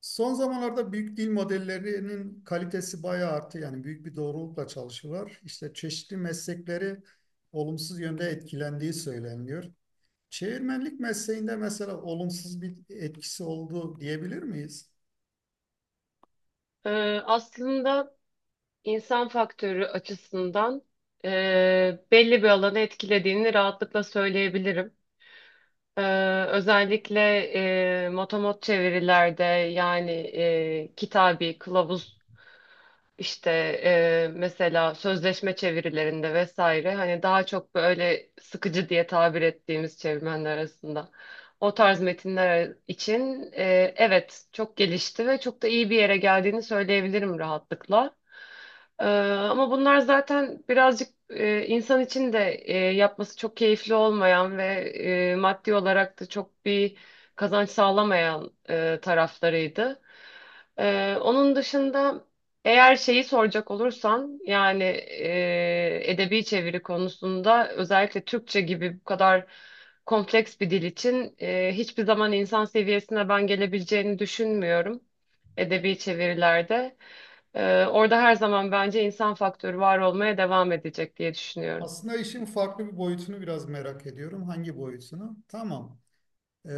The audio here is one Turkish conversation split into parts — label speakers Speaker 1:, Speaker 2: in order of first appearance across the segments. Speaker 1: Son zamanlarda büyük dil modellerinin kalitesi bayağı arttı. Yani büyük bir doğrulukla çalışıyorlar. İşte çeşitli meslekleri olumsuz yönde etkilendiği söyleniyor. Çevirmenlik mesleğinde mesela olumsuz bir etkisi oldu diyebilir miyiz?
Speaker 2: Aslında insan faktörü açısından e, belli bir alanı etkilediğini rahatlıkla söyleyebilirim. Özellikle motomot çevirilerde yani kitabi, kılavuz işte mesela sözleşme çevirilerinde vesaire, hani daha çok böyle sıkıcı diye tabir ettiğimiz çevirmenler arasında o tarz metinler için evet, çok gelişti ve çok da iyi bir yere geldiğini söyleyebilirim rahatlıkla. E, Ama bunlar zaten birazcık insan için de yapması çok keyifli olmayan ve maddi olarak da çok bir kazanç sağlamayan taraflarıydı. Onun dışında. Eğer şeyi soracak olursan yani edebi çeviri konusunda özellikle Türkçe gibi bu kadar kompleks bir dil için hiçbir zaman insan seviyesine ben gelebileceğini düşünmüyorum edebi çevirilerde. Orada her zaman bence insan faktörü var olmaya devam edecek diye düşünüyorum.
Speaker 1: Aslında işin farklı bir boyutunu biraz merak ediyorum. Hangi boyutunu? Tamam. E,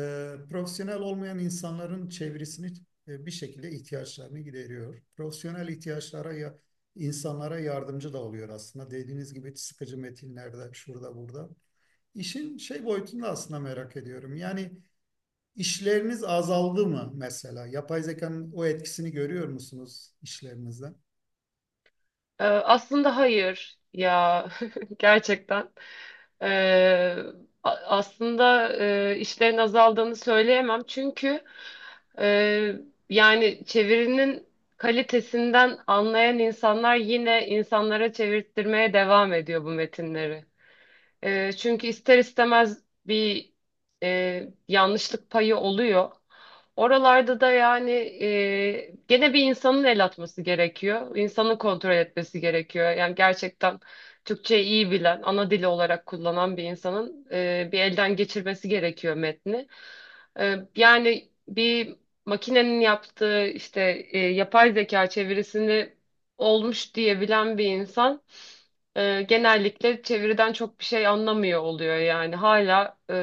Speaker 1: profesyonel olmayan insanların çevresini bir şekilde ihtiyaçlarını gideriyor. Profesyonel ihtiyaçlara ya insanlara yardımcı da oluyor aslında. Dediğiniz gibi sıkıcı metinlerde, şurada burada. İşin şey boyutunda aslında merak ediyorum. Yani işleriniz azaldı mı mesela? Yapay zekanın o etkisini görüyor musunuz işlerinizde?
Speaker 2: Aslında hayır ya, gerçekten. Ee, Aslında işlerin azaldığını söyleyemem, çünkü e, yani çevirinin kalitesinden anlayan insanlar yine insanlara çevirttirmeye devam ediyor bu metinleri. Çünkü ister istemez bir yanlışlık payı oluyor. Oralarda da yani gene bir insanın el atması gerekiyor. İnsanın kontrol etmesi gerekiyor. Yani gerçekten Türkçeyi iyi bilen, ana dili olarak kullanan bir insanın bir elden geçirmesi gerekiyor metni. Yani bir makinenin yaptığı işte yapay zeka çevirisini olmuş diyebilen bir insan genellikle çeviriden çok bir şey anlamıyor oluyor yani. Hala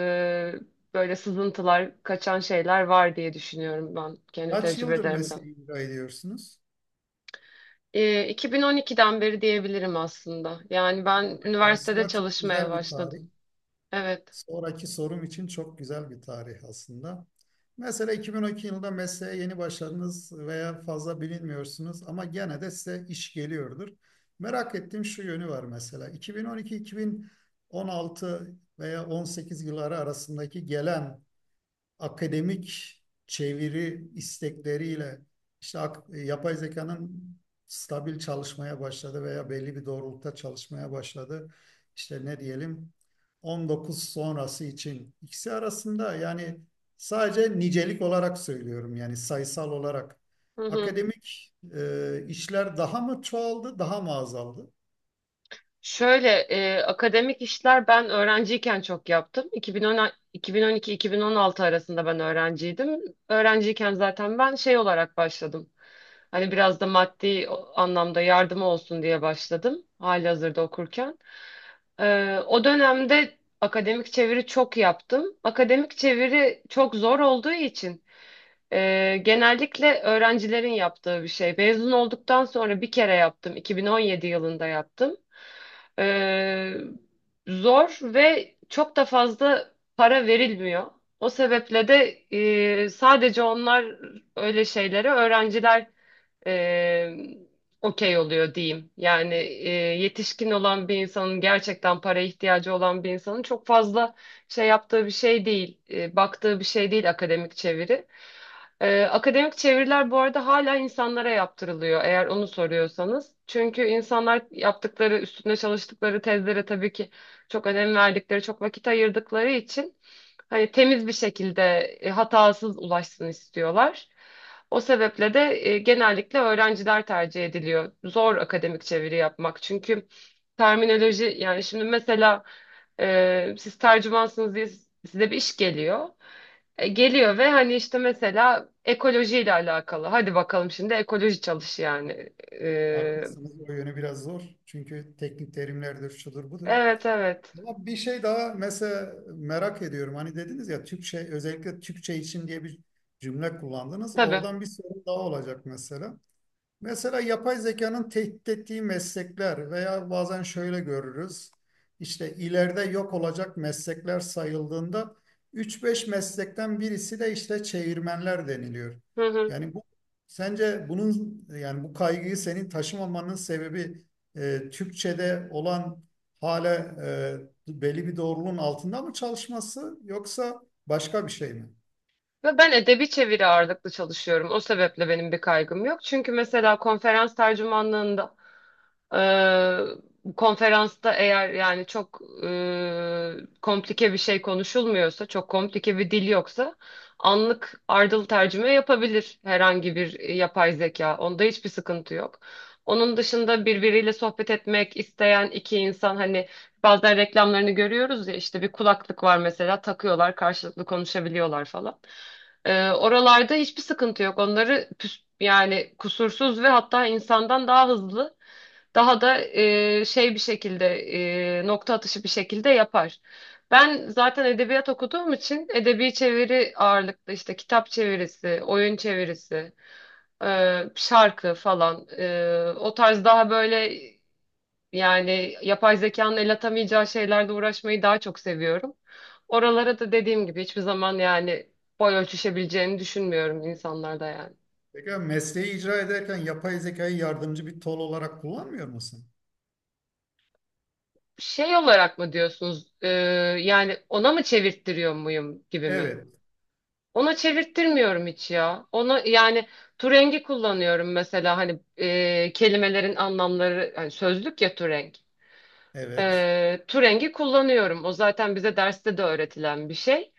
Speaker 2: böyle sızıntılar, kaçan şeyler var diye düşünüyorum ben kendi
Speaker 1: Kaç yıldır
Speaker 2: tecrübelerimden.
Speaker 1: mesleği icra ediyorsunuz?
Speaker 2: 2012'den beri diyebilirim aslında. Yani ben üniversitede
Speaker 1: Aslında çok
Speaker 2: çalışmaya
Speaker 1: güzel bir tarih.
Speaker 2: başladım. Evet.
Speaker 1: Sonraki sorum için çok güzel bir tarih aslında. Mesela 2012 yılında mesleğe yeni başladınız veya fazla bilinmiyorsunuz ama gene de size iş geliyordur. Merak ettiğim şu yönü var mesela. 2012-2016 veya 18 yılları arasındaki gelen akademik çeviri istekleriyle işte yapay zekanın stabil çalışmaya başladı veya belli bir doğrultuda çalışmaya başladı. İşte ne diyelim 19 sonrası için ikisi arasında yani sadece nicelik olarak söylüyorum yani sayısal olarak.
Speaker 2: Hı hı.
Speaker 1: Akademik işler daha mı çoğaldı, daha mı azaldı?
Speaker 2: Şöyle akademik işler ben öğrenciyken çok yaptım. 2010, 2012-2016 arasında ben öğrenciydim. Öğrenciyken zaten ben şey olarak başladım. Hani biraz da maddi anlamda yardım olsun diye başladım halihazırda okurken. O dönemde akademik çeviri çok yaptım. Akademik çeviri çok zor olduğu için genellikle öğrencilerin yaptığı bir şey. Mezun olduktan sonra bir kere yaptım. 2017 yılında yaptım. Ee, Zor ve çok da fazla para verilmiyor. O sebeple de sadece onlar öyle şeyleri öğrenciler e, okey oluyor diyeyim. Yani yetişkin olan bir insanın, gerçekten para ihtiyacı olan bir insanın çok fazla şey yaptığı bir şey değil, baktığı bir şey değil akademik çeviri. Akademik çeviriler bu arada hala insanlara yaptırılıyor eğer onu soruyorsanız. Çünkü insanlar yaptıkları, üstünde çalıştıkları tezlere tabii ki çok önem verdikleri, çok vakit ayırdıkları için hani temiz bir şekilde hatasız ulaşsın istiyorlar. O sebeple de genellikle öğrenciler tercih ediliyor. Zor akademik çeviri yapmak. Çünkü terminoloji yani şimdi mesela siz tercümansınız diye size bir iş geliyor. Geliyor ve hani işte mesela ekolojiyle alakalı. Hadi bakalım şimdi ekoloji çalış yani.
Speaker 1: Haklısınız, o yönü biraz zor. Çünkü teknik terimlerdir, şudur budur.
Speaker 2: Evet evet.
Speaker 1: Ama bir şey daha mesela merak ediyorum. Hani dediniz ya Türkçe özellikle Türkçe için diye bir cümle kullandınız.
Speaker 2: Tabii.
Speaker 1: Oradan bir sorun daha olacak mesela. Mesela yapay zekanın tehdit ettiği meslekler veya bazen şöyle görürüz. İşte ileride yok olacak meslekler sayıldığında üç beş meslekten birisi de işte çevirmenler deniliyor.
Speaker 2: Hı hı.
Speaker 1: Yani bu sence bunun yani bu kaygıyı senin taşımamanın sebebi Türkçe'de olan hala e, belli bir doğruluğun altında mı çalışması yoksa başka bir şey mi?
Speaker 2: Ve ben edebi çeviri ağırlıklı çalışıyorum. O sebeple benim bir kaygım yok. Çünkü mesela konferans tercümanlığında Ee, konferansta eğer yani çok komplike bir şey konuşulmuyorsa, çok komplike bir dil yoksa anlık ardıl tercüme yapabilir herhangi bir yapay zeka. Onda hiçbir sıkıntı yok. Onun dışında birbiriyle sohbet etmek isteyen iki insan, hani bazen reklamlarını görüyoruz ya işte bir kulaklık var mesela, takıyorlar karşılıklı konuşabiliyorlar falan. Oralarda hiçbir sıkıntı yok. Onları yani kusursuz ve hatta insandan daha hızlı, daha da şey bir şekilde, nokta atışı bir şekilde yapar. Ben zaten edebiyat okuduğum için edebi çeviri ağırlıklı işte kitap çevirisi, oyun çevirisi, şarkı falan, o tarz daha böyle yani yapay zekanın el atamayacağı şeylerle uğraşmayı daha çok seviyorum. Oralara da dediğim gibi hiçbir zaman yani boy ölçüşebileceğini düşünmüyorum insanlarda yani.
Speaker 1: Peki mesleği icra ederken yapay zekayı yardımcı bir tol olarak kullanmıyor musun?
Speaker 2: Şey olarak mı diyorsunuz? Yani ona mı çevirttiriyor muyum gibi mi?
Speaker 1: Evet,
Speaker 2: Ona çevirttirmiyorum hiç ya. Ona yani Turengi kullanıyorum mesela, hani kelimelerin anlamları, hani sözlük ya Turenk.
Speaker 1: evet.
Speaker 2: Turengi kullanıyorum. O zaten bize derste de öğretilen bir şey.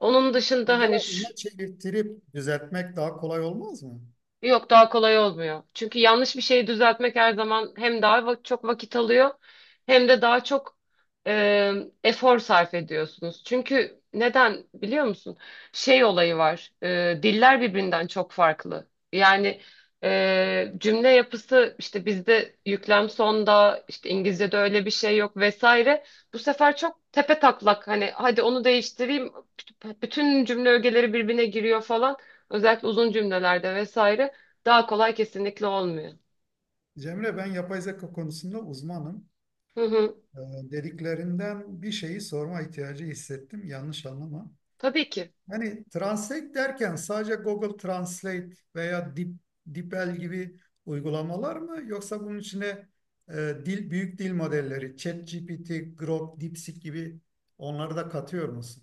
Speaker 2: Onun dışında
Speaker 1: Pekala
Speaker 2: hani şu,
Speaker 1: ona çevirtirip düzeltmek daha kolay olmaz mı?
Speaker 2: yok daha kolay olmuyor. Çünkü yanlış bir şeyi düzeltmek her zaman hem daha çok vakit alıyor, hem de daha çok e, efor sarf ediyorsunuz. Çünkü neden biliyor musun? Şey olayı var. Diller birbirinden çok farklı. Yani cümle yapısı işte bizde yüklem sonda, işte İngilizce'de öyle bir şey yok vesaire. Bu sefer çok tepe taklak, hani hadi onu değiştireyim. Bütün cümle ögeleri birbirine giriyor falan. Özellikle uzun cümlelerde vesaire. Daha kolay kesinlikle olmuyor.
Speaker 1: Cemre, ben yapay zeka konusunda uzmanım.
Speaker 2: Hı hı.
Speaker 1: Dediklerinden bir şeyi sorma ihtiyacı hissettim. Yanlış anlama.
Speaker 2: Tabii ki.
Speaker 1: Hani translate derken sadece Google Translate veya DeepL gibi uygulamalar mı? Yoksa bunun içine e, dil, büyük dil modelleri, ChatGPT, Grok, DeepSeek gibi onları da katıyor musun?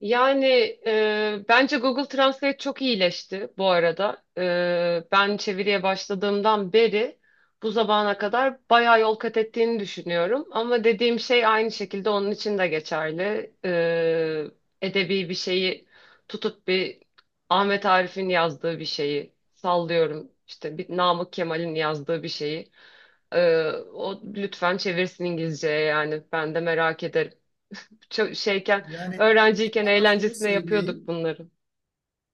Speaker 2: Yani bence Google Translate çok iyileşti bu arada. Ben çeviriye başladığımdan beri bu zamana kadar bayağı yol kat ettiğini düşünüyorum. Ama dediğim şey aynı şekilde onun için de geçerli. Edebi bir şeyi tutup bir Ahmet Arif'in yazdığı bir şeyi sallıyorum. İşte bir Namık Kemal'in yazdığı bir şeyi, o lütfen çevirsin İngilizceye, yani ben de merak ederim. Çok şeyken
Speaker 1: Yani
Speaker 2: öğrenciyken
Speaker 1: sana şunu
Speaker 2: eğlencesine yapıyorduk
Speaker 1: söyleyeyim.
Speaker 2: bunları.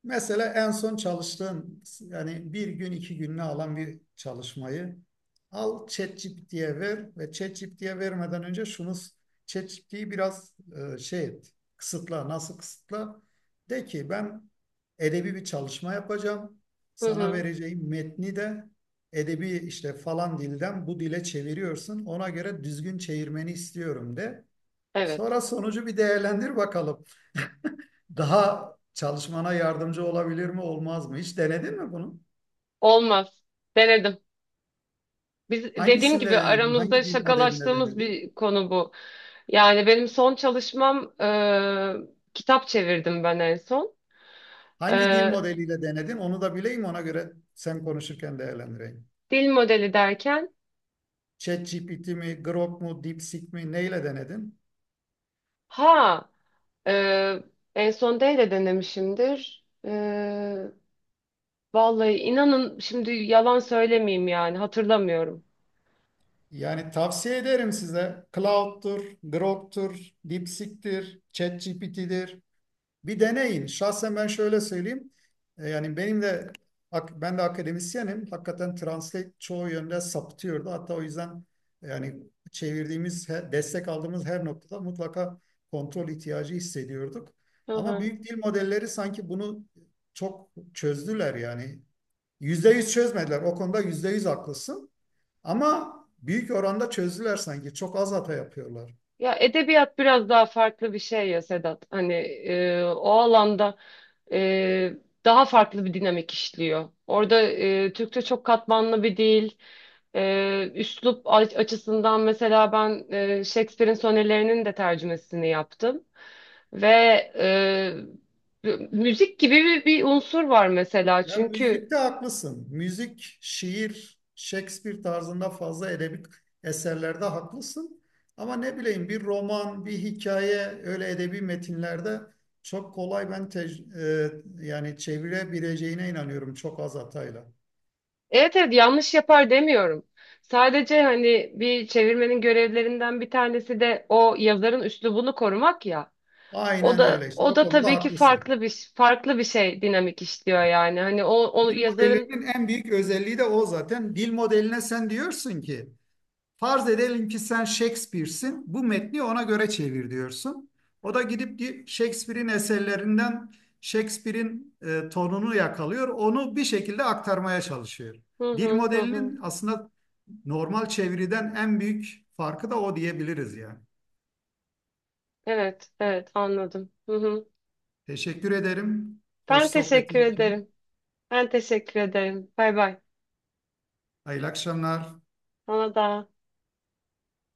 Speaker 1: Mesela en son çalıştığın yani bir gün iki gününü alan bir çalışmayı al ChatGPT'ye ver ve ChatGPT'ye vermeden önce şunu ChatGPT'yi biraz şey et, kısıtla, nasıl kısıtla? De ki ben edebi bir çalışma yapacağım,
Speaker 2: Hı
Speaker 1: sana
Speaker 2: hı.
Speaker 1: vereceğim metni de edebi, işte falan dilden bu dile çeviriyorsun, ona göre düzgün çevirmeni istiyorum de.
Speaker 2: Evet.
Speaker 1: Sonra sonucu bir değerlendir bakalım. Daha çalışmana yardımcı olabilir mi, olmaz mı? Hiç denedin mi bunu?
Speaker 2: Olmaz. Denedim. Biz dediğim
Speaker 1: Hangisinde
Speaker 2: gibi
Speaker 1: denedin?
Speaker 2: aramızda
Speaker 1: Hangi dil modelinde
Speaker 2: şakalaştığımız
Speaker 1: denedin?
Speaker 2: bir konu bu. Yani benim son çalışmam kitap çevirdim ben en son. E,
Speaker 1: Hangi dil modeliyle denedin? Onu da bileyim, ona göre sen konuşurken değerlendireyim.
Speaker 2: Dil modeli derken,
Speaker 1: ChatGPT mi, Grok mu, DeepSeek mi, neyle denedin?
Speaker 2: ha e, en son D ile denemişimdir. Vallahi inanın, şimdi yalan söylemeyeyim, yani hatırlamıyorum.
Speaker 1: Yani tavsiye ederim size. Cloud'tur, Grok'tur, DeepSeek'tir, ChatGPT'dir, bir deneyin. Şahsen ben şöyle söyleyeyim. Yani benim de, ben de akademisyenim. Hakikaten translate çoğu yönde saptıyordu. Hatta o yüzden yani çevirdiğimiz, destek aldığımız her noktada mutlaka kontrol ihtiyacı hissediyorduk.
Speaker 2: Hı
Speaker 1: Ama
Speaker 2: hı.
Speaker 1: büyük dil modelleri sanki bunu çok çözdüler yani. Yüzde yüz çözmediler. O konuda yüzde yüz haklısın. Ama büyük oranda çözdüler sanki. Çok az hata yapıyorlar.
Speaker 2: Ya edebiyat biraz daha farklı bir şey ya Sedat. Hani o alanda e, daha farklı bir dinamik işliyor. Orada Türkçe çok katmanlı bir dil. Üslup açısından mesela ben Shakespeare'in sonelerinin de tercümesini yaptım. Ve müzik gibi bir unsur var mesela.
Speaker 1: Ya
Speaker 2: Çünkü
Speaker 1: müzikte haklısın. Müzik, şiir, Shakespeare tarzında fazla edebi eserlerde haklısın. Ama ne bileyim bir roman, bir hikaye öyle edebi metinlerde çok kolay ben yani çevirebileceğine inanıyorum çok az hatayla.
Speaker 2: evet evet, yanlış yapar demiyorum. Sadece hani bir çevirmenin görevlerinden bir tanesi de o yazarın üslubunu korumak ya. O
Speaker 1: Aynen
Speaker 2: da
Speaker 1: öyle işte.
Speaker 2: o
Speaker 1: O
Speaker 2: da
Speaker 1: konuda
Speaker 2: tabii ki
Speaker 1: haklısın.
Speaker 2: farklı bir şey, dinamik işliyor yani. Hani o
Speaker 1: Dil
Speaker 2: yazarın
Speaker 1: modellerinin en büyük özelliği de o zaten. Dil modeline sen diyorsun ki farz edelim ki sen Shakespeare'sin. Bu metni ona göre çevir diyorsun. O da gidip Shakespeare'in eserlerinden Shakespeare'in tonunu yakalıyor. Onu bir şekilde aktarmaya çalışıyor.
Speaker 2: hı
Speaker 1: Dil
Speaker 2: hı hı hı.
Speaker 1: modelinin aslında normal çeviriden en büyük farkı da o diyebiliriz yani.
Speaker 2: Evet evet, anladım. Hı hı.
Speaker 1: Teşekkür ederim. Hoş
Speaker 2: Ben teşekkür
Speaker 1: sohbetin için.
Speaker 2: ederim. Ben teşekkür ederim. Bay bay.
Speaker 1: Hayırlı akşamlar.
Speaker 2: Sana da.